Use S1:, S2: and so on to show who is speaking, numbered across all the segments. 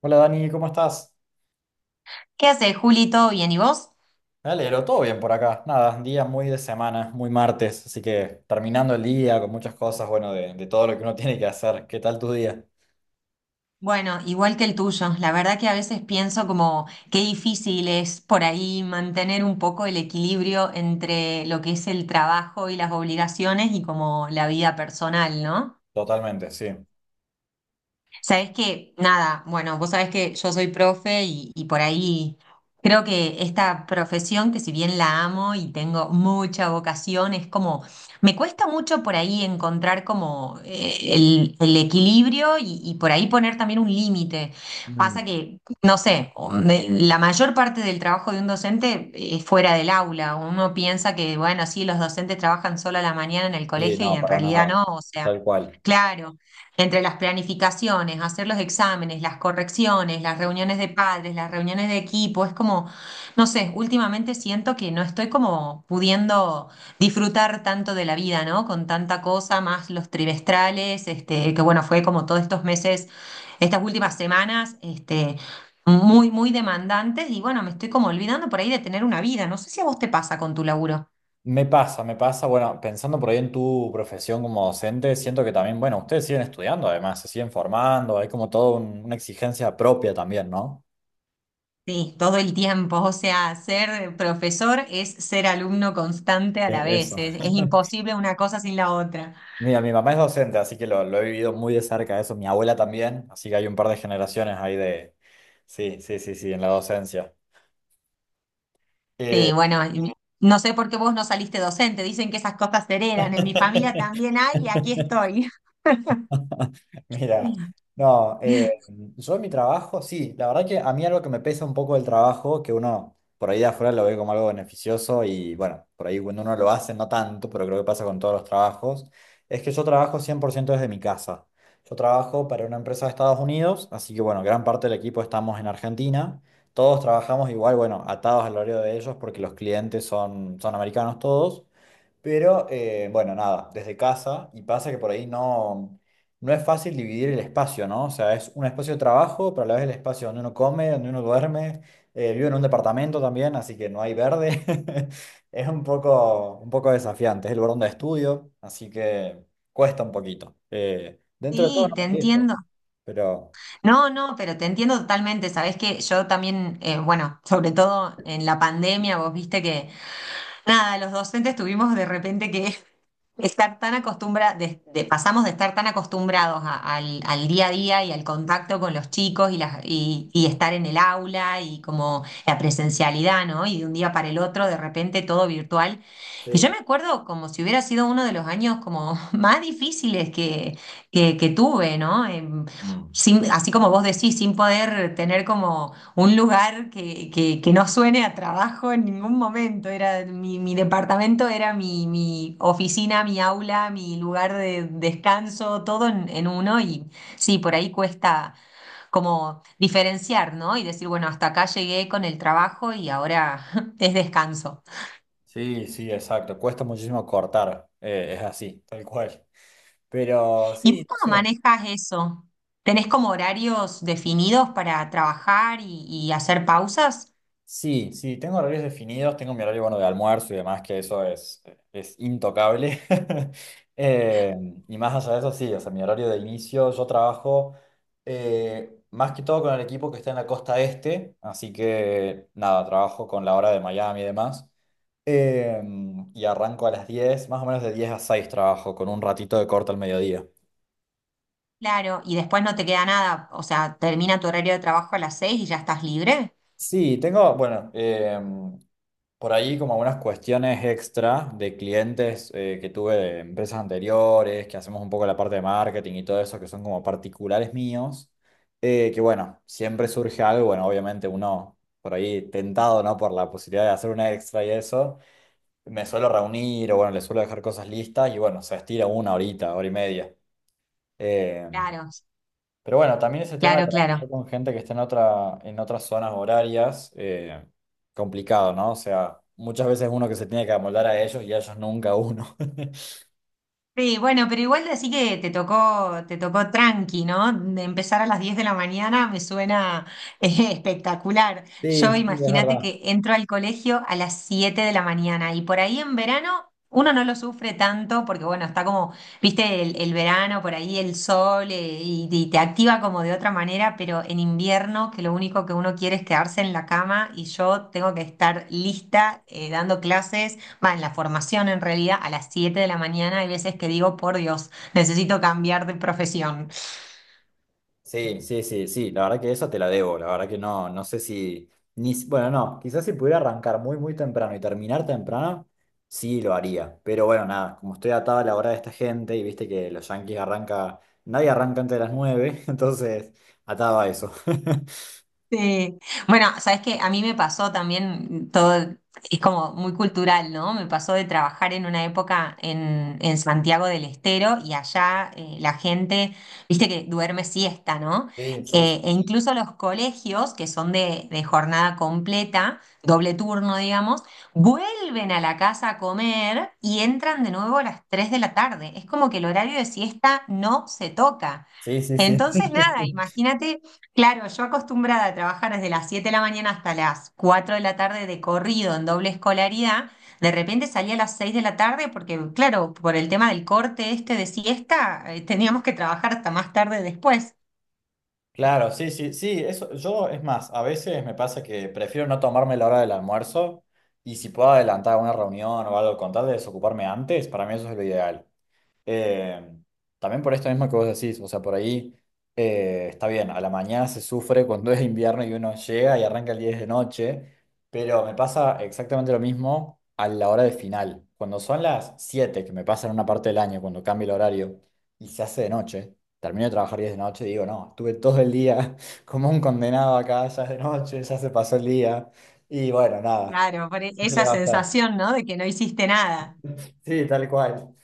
S1: Hola Dani, ¿cómo estás?
S2: ¿Qué haces, Juli? ¿Todo bien? ¿Y vos?
S1: Me alegro, todo bien por acá. Nada, un día muy de semana, muy martes, así que terminando el día con muchas cosas, bueno, de todo lo que uno tiene que hacer. ¿Qué tal tu día?
S2: Bueno, igual que el tuyo. La verdad que a veces pienso como qué difícil es por ahí mantener un poco el equilibrio entre lo que es el trabajo y las obligaciones y como la vida personal, ¿no?
S1: Totalmente, sí.
S2: Sabés que, nada, bueno, vos sabés que yo soy profe y por ahí creo que esta profesión, que si bien la amo y tengo mucha vocación, es como, me cuesta mucho por ahí encontrar como el equilibrio y por ahí poner también un límite.
S1: Mm.
S2: Pasa que, no sé, la mayor parte del trabajo de un docente es fuera del aula. Uno piensa que, bueno, sí, los docentes trabajan solo a la mañana en el
S1: Sí,
S2: colegio y
S1: no,
S2: en
S1: para
S2: realidad
S1: nada,
S2: no, o sea,
S1: tal cual.
S2: claro. Entre las planificaciones, hacer los exámenes, las correcciones, las reuniones de padres, las reuniones de equipo, es como, no sé, últimamente siento que no estoy como pudiendo disfrutar tanto de la vida, ¿no? Con tanta cosa, más los trimestrales, este, que bueno, fue como todos estos meses, estas últimas semanas, este, muy, muy demandantes y bueno, me estoy como olvidando por ahí de tener una vida. No sé si a vos te pasa con tu laburo.
S1: Me pasa, bueno, pensando por ahí en tu profesión como docente, siento que también, bueno, ustedes siguen estudiando además, se siguen formando, hay como toda una exigencia propia también, ¿no?
S2: Sí, todo el tiempo. O sea, ser profesor es ser alumno constante a la vez.
S1: Eso.
S2: Es imposible una cosa sin la otra.
S1: Mira, mi mamá es docente, así que lo he vivido muy de cerca eso. Mi abuela también, así que hay un par de generaciones ahí de... Sí, sí, sí, sí, en la docencia. Eh,
S2: Sí, bueno, y no sé por qué vos no saliste docente. Dicen que esas cosas se heredan. En mi familia también hay y aquí estoy.
S1: Mira, no, yo en mi trabajo, sí, la verdad que a mí algo que me pesa un poco del trabajo, que uno por ahí de afuera lo ve como algo beneficioso y bueno, por ahí cuando uno lo hace, no tanto, pero creo que pasa con todos los trabajos, es que yo trabajo 100% desde mi casa. Yo trabajo para una empresa de Estados Unidos, así que bueno, gran parte del equipo estamos en Argentina, todos trabajamos igual, bueno, atados al horario de ellos porque los clientes son, son americanos todos. Pero bueno, nada, desde casa, y pasa que por ahí no es fácil dividir el espacio, ¿no? O sea, es un espacio de trabajo, pero a la vez el espacio donde uno come, donde uno duerme, vivo en un departamento también, así que no hay verde. Es un poco desafiante, es el lugar donde estudio, así que cuesta un poquito. Dentro de todo
S2: Sí,
S1: no
S2: te
S1: me quejo,
S2: entiendo.
S1: pero...
S2: No, no, pero te entiendo totalmente. Sabés que yo también, bueno, sobre todo en la pandemia, vos viste que, nada, los docentes tuvimos de repente que Estar tan acostumbra, pasamos de estar tan acostumbrados al día a día y al contacto con los chicos y estar en el aula y como la presencialidad, ¿no? Y de un día para el otro, de repente todo virtual. Y yo
S1: Sí.
S2: me acuerdo como si hubiera sido uno de los años como más difíciles que tuve, ¿no?
S1: Mm.
S2: Así como vos decís, sin poder tener como un lugar que no suene a trabajo en ningún momento. Era mi departamento era mi oficina, mi aula, mi lugar de descanso, todo en uno. Y sí, por ahí cuesta como diferenciar, ¿no? Y decir, bueno, hasta acá llegué con el trabajo y ahora es descanso.
S1: Sí, sí, exacto, cuesta muchísimo cortar, es así, tal cual. Pero
S2: ¿Y
S1: sí,
S2: vos
S1: no
S2: cómo
S1: sé.
S2: manejas eso? ¿Tenés como horarios definidos para trabajar y hacer pausas?
S1: Sí, sí, tengo horarios definidos, tengo mi horario bueno de almuerzo y demás, que eso es intocable. Eh, y más allá de eso, sí, o sea, mi horario de inicio, yo trabajo más que todo con el equipo que está en la costa este, así que nada, trabajo con la hora de Miami y demás. Eh, y arranco a las 10, más o menos de 10 a 6 trabajo, con un ratito de corte al mediodía.
S2: Claro, y después no te queda nada, o sea, termina tu horario de trabajo a las seis y ya estás libre.
S1: Sí, tengo, bueno, por ahí como algunas cuestiones extra de clientes que tuve de empresas anteriores, que hacemos un poco la parte de marketing y todo eso, que son como particulares míos, que bueno, siempre surge algo, bueno, obviamente uno por ahí tentado, ¿no? Por la posibilidad de hacer una extra y eso, me suelo reunir o bueno, le suelo dejar cosas listas y bueno, se estira una horita, hora y media. Em,
S2: Claro,
S1: pero bueno, también ese tema de
S2: claro, claro.
S1: trabajar con gente que esté en otra, en otras zonas horarias, complicado, ¿no? O sea, muchas veces uno que se tiene que amoldar a ellos y a ellos nunca a uno.
S2: Sí, bueno, pero igual así que te tocó tranqui, ¿no? De empezar a las 10 de la mañana me suena espectacular. Yo
S1: Sí, sí, es
S2: imagínate
S1: verdad.
S2: que entro al colegio a las 7 de la mañana y por ahí en verano uno no lo sufre tanto porque bueno, está como, viste, el verano, por ahí el sol y te activa como de otra manera, pero en invierno que lo único que uno quiere es quedarse en la cama y yo tengo que estar lista dando clases más en la formación en realidad, a las 7 de la mañana hay veces que digo, por Dios, necesito cambiar de profesión.
S1: Sí, sí, sí, sí, la verdad que eso te la debo, la verdad que no, no sé si, ni, si- bueno, no, quizás si pudiera arrancar muy, muy temprano y terminar temprano, sí lo haría, pero bueno, nada, como estoy atado a la hora de esta gente y viste que los Yankees arranca, nadie arranca antes de las 9, entonces atado a eso.
S2: Sí. Bueno, sabes que a mí me pasó también todo, es como muy cultural, ¿no? Me pasó de trabajar en una época en Santiago del Estero y allá la gente, viste que duerme siesta, ¿no?
S1: Sí, sí,
S2: E incluso los colegios, que son de jornada completa, doble turno, digamos, vuelven a la casa a comer y entran de nuevo a las 3 de la tarde. Es como que el horario de siesta no se toca.
S1: sí, sí, sí.
S2: Entonces, nada, imagínate. Claro, yo acostumbrada a trabajar desde las 7 de la mañana hasta las 4 de la tarde de corrido en doble escolaridad, de repente salía a las 6 de la tarde porque, claro, por el tema del corte este de siesta, teníamos que trabajar hasta más tarde después.
S1: Claro, sí, sí, sí, eso, yo es más, a veces me pasa que prefiero no tomarme la hora del almuerzo y si puedo adelantar una reunión o algo con tal de desocuparme antes, para mí eso es lo ideal. Eh, También por esto mismo que vos decís, o sea, por ahí está bien, a la mañana se sufre cuando es invierno y uno llega y arranca el 10 de noche, pero me pasa exactamente lo mismo a la hora de final. Cuando son las 7 que me pasa en una parte del año, cuando cambia el horario y se hace de noche, termino de trabajar 10 de noche y digo, no, estuve todo el día como un condenado acá, ya es de noche, ya se pasó el día, y bueno, nada,
S2: Claro, por
S1: ¿qué se
S2: esa
S1: le va a hacer?
S2: sensación, ¿no? De que no hiciste nada.
S1: Sí, tal cual.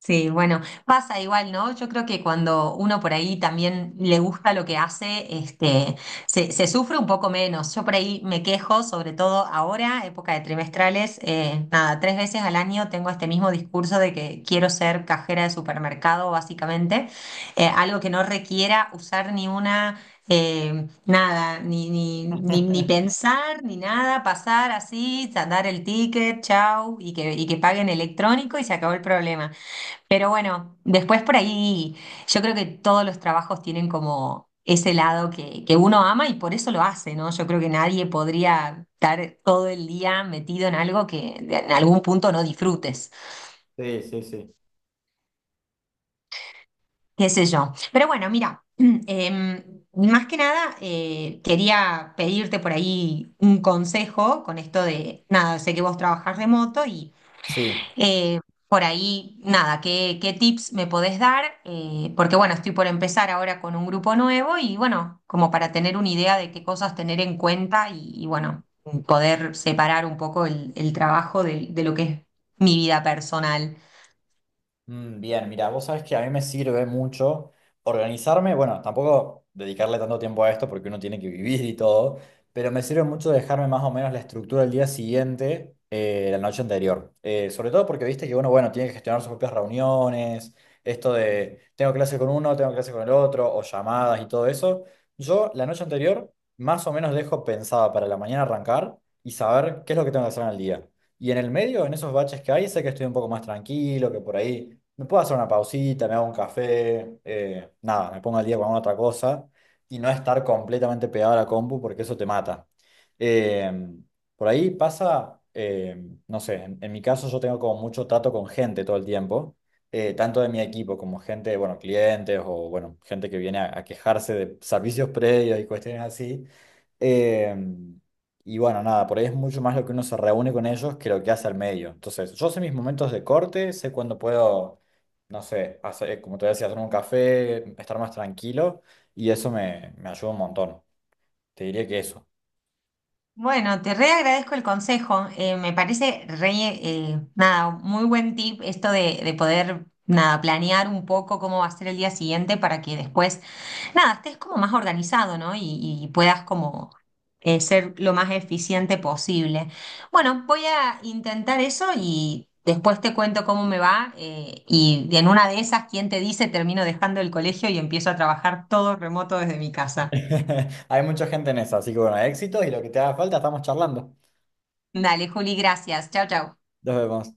S2: Sí, bueno, pasa igual, ¿no? Yo creo que cuando uno por ahí también le gusta lo que hace, este, se sufre un poco menos. Yo por ahí me quejo, sobre todo ahora, época de trimestrales, nada, 3 veces al año tengo este mismo discurso de que quiero ser cajera de supermercado, básicamente, algo que no requiera usar ni una... nada, ni pensar, ni nada, pasar así, dar el ticket, chau, y que paguen electrónico y se acabó el problema. Pero bueno, después por ahí yo creo que todos los trabajos tienen como ese lado que uno ama y por eso lo hace, ¿no? Yo creo que nadie podría estar todo el día metido en algo en algún punto no disfrutes,
S1: Sí, sí, sí.
S2: qué sé yo. Pero bueno, mira, em, más que nada quería pedirte por ahí un consejo con esto de, nada, sé que vos trabajás remoto.
S1: Sí.
S2: Eh, por ahí, nada, ¿qué tips me podés dar? Porque bueno, estoy por empezar ahora con un grupo nuevo y bueno, como para tener una idea de qué cosas tener en cuenta y, bueno, poder separar un poco el trabajo de lo que es mi vida personal.
S1: Mm. Bien, mira, vos sabés que a mí me sirve mucho organizarme, bueno, tampoco dedicarle tanto tiempo a esto porque uno tiene que vivir y todo, pero me sirve mucho dejarme más o menos la estructura del día siguiente, la noche anterior. Sobre todo porque viste que uno, bueno, tiene que gestionar sus propias reuniones, esto de tengo clase con uno, tengo clase con el otro, o llamadas y todo eso. Yo la noche anterior más o menos dejo pensada para la mañana arrancar y saber qué es lo que tengo que hacer en el día. Y en el medio, en esos baches que hay, sé que estoy un poco más tranquilo, que por ahí me puedo hacer una pausita, me hago un café, nada, me pongo al día con alguna otra cosa y no estar completamente pegado a la compu porque eso te mata. Eh, por ahí pasa, no sé, en mi caso yo tengo como mucho trato con gente todo el tiempo, tanto de mi equipo como gente, bueno, clientes o bueno, gente que viene a quejarse de servicios previos y cuestiones así. Em, y bueno, nada, por ahí es mucho más lo que uno se reúne con ellos que lo que hace al medio. Entonces, yo sé mis momentos de corte, sé cuándo puedo, no sé, hacer, como te decía, hacer un café, estar más tranquilo, y eso me, me ayuda un montón. Te diría que eso.
S2: Bueno, te re agradezco el consejo. Me parece re, nada, muy buen tip esto de poder, nada, planear un poco cómo va a ser el día siguiente para que después, nada, estés como más organizado, ¿no? Y puedas como ser lo más eficiente posible. Bueno, voy a intentar eso y después te cuento cómo me va. Y en una de esas, ¿quién te dice? Termino dejando el colegio y empiezo a trabajar todo remoto desde mi casa.
S1: Hay mucha gente en eso, así que bueno, éxitos y lo que te haga falta, estamos charlando.
S2: Dale, Juli, gracias. Chao, chao.
S1: Nos vemos.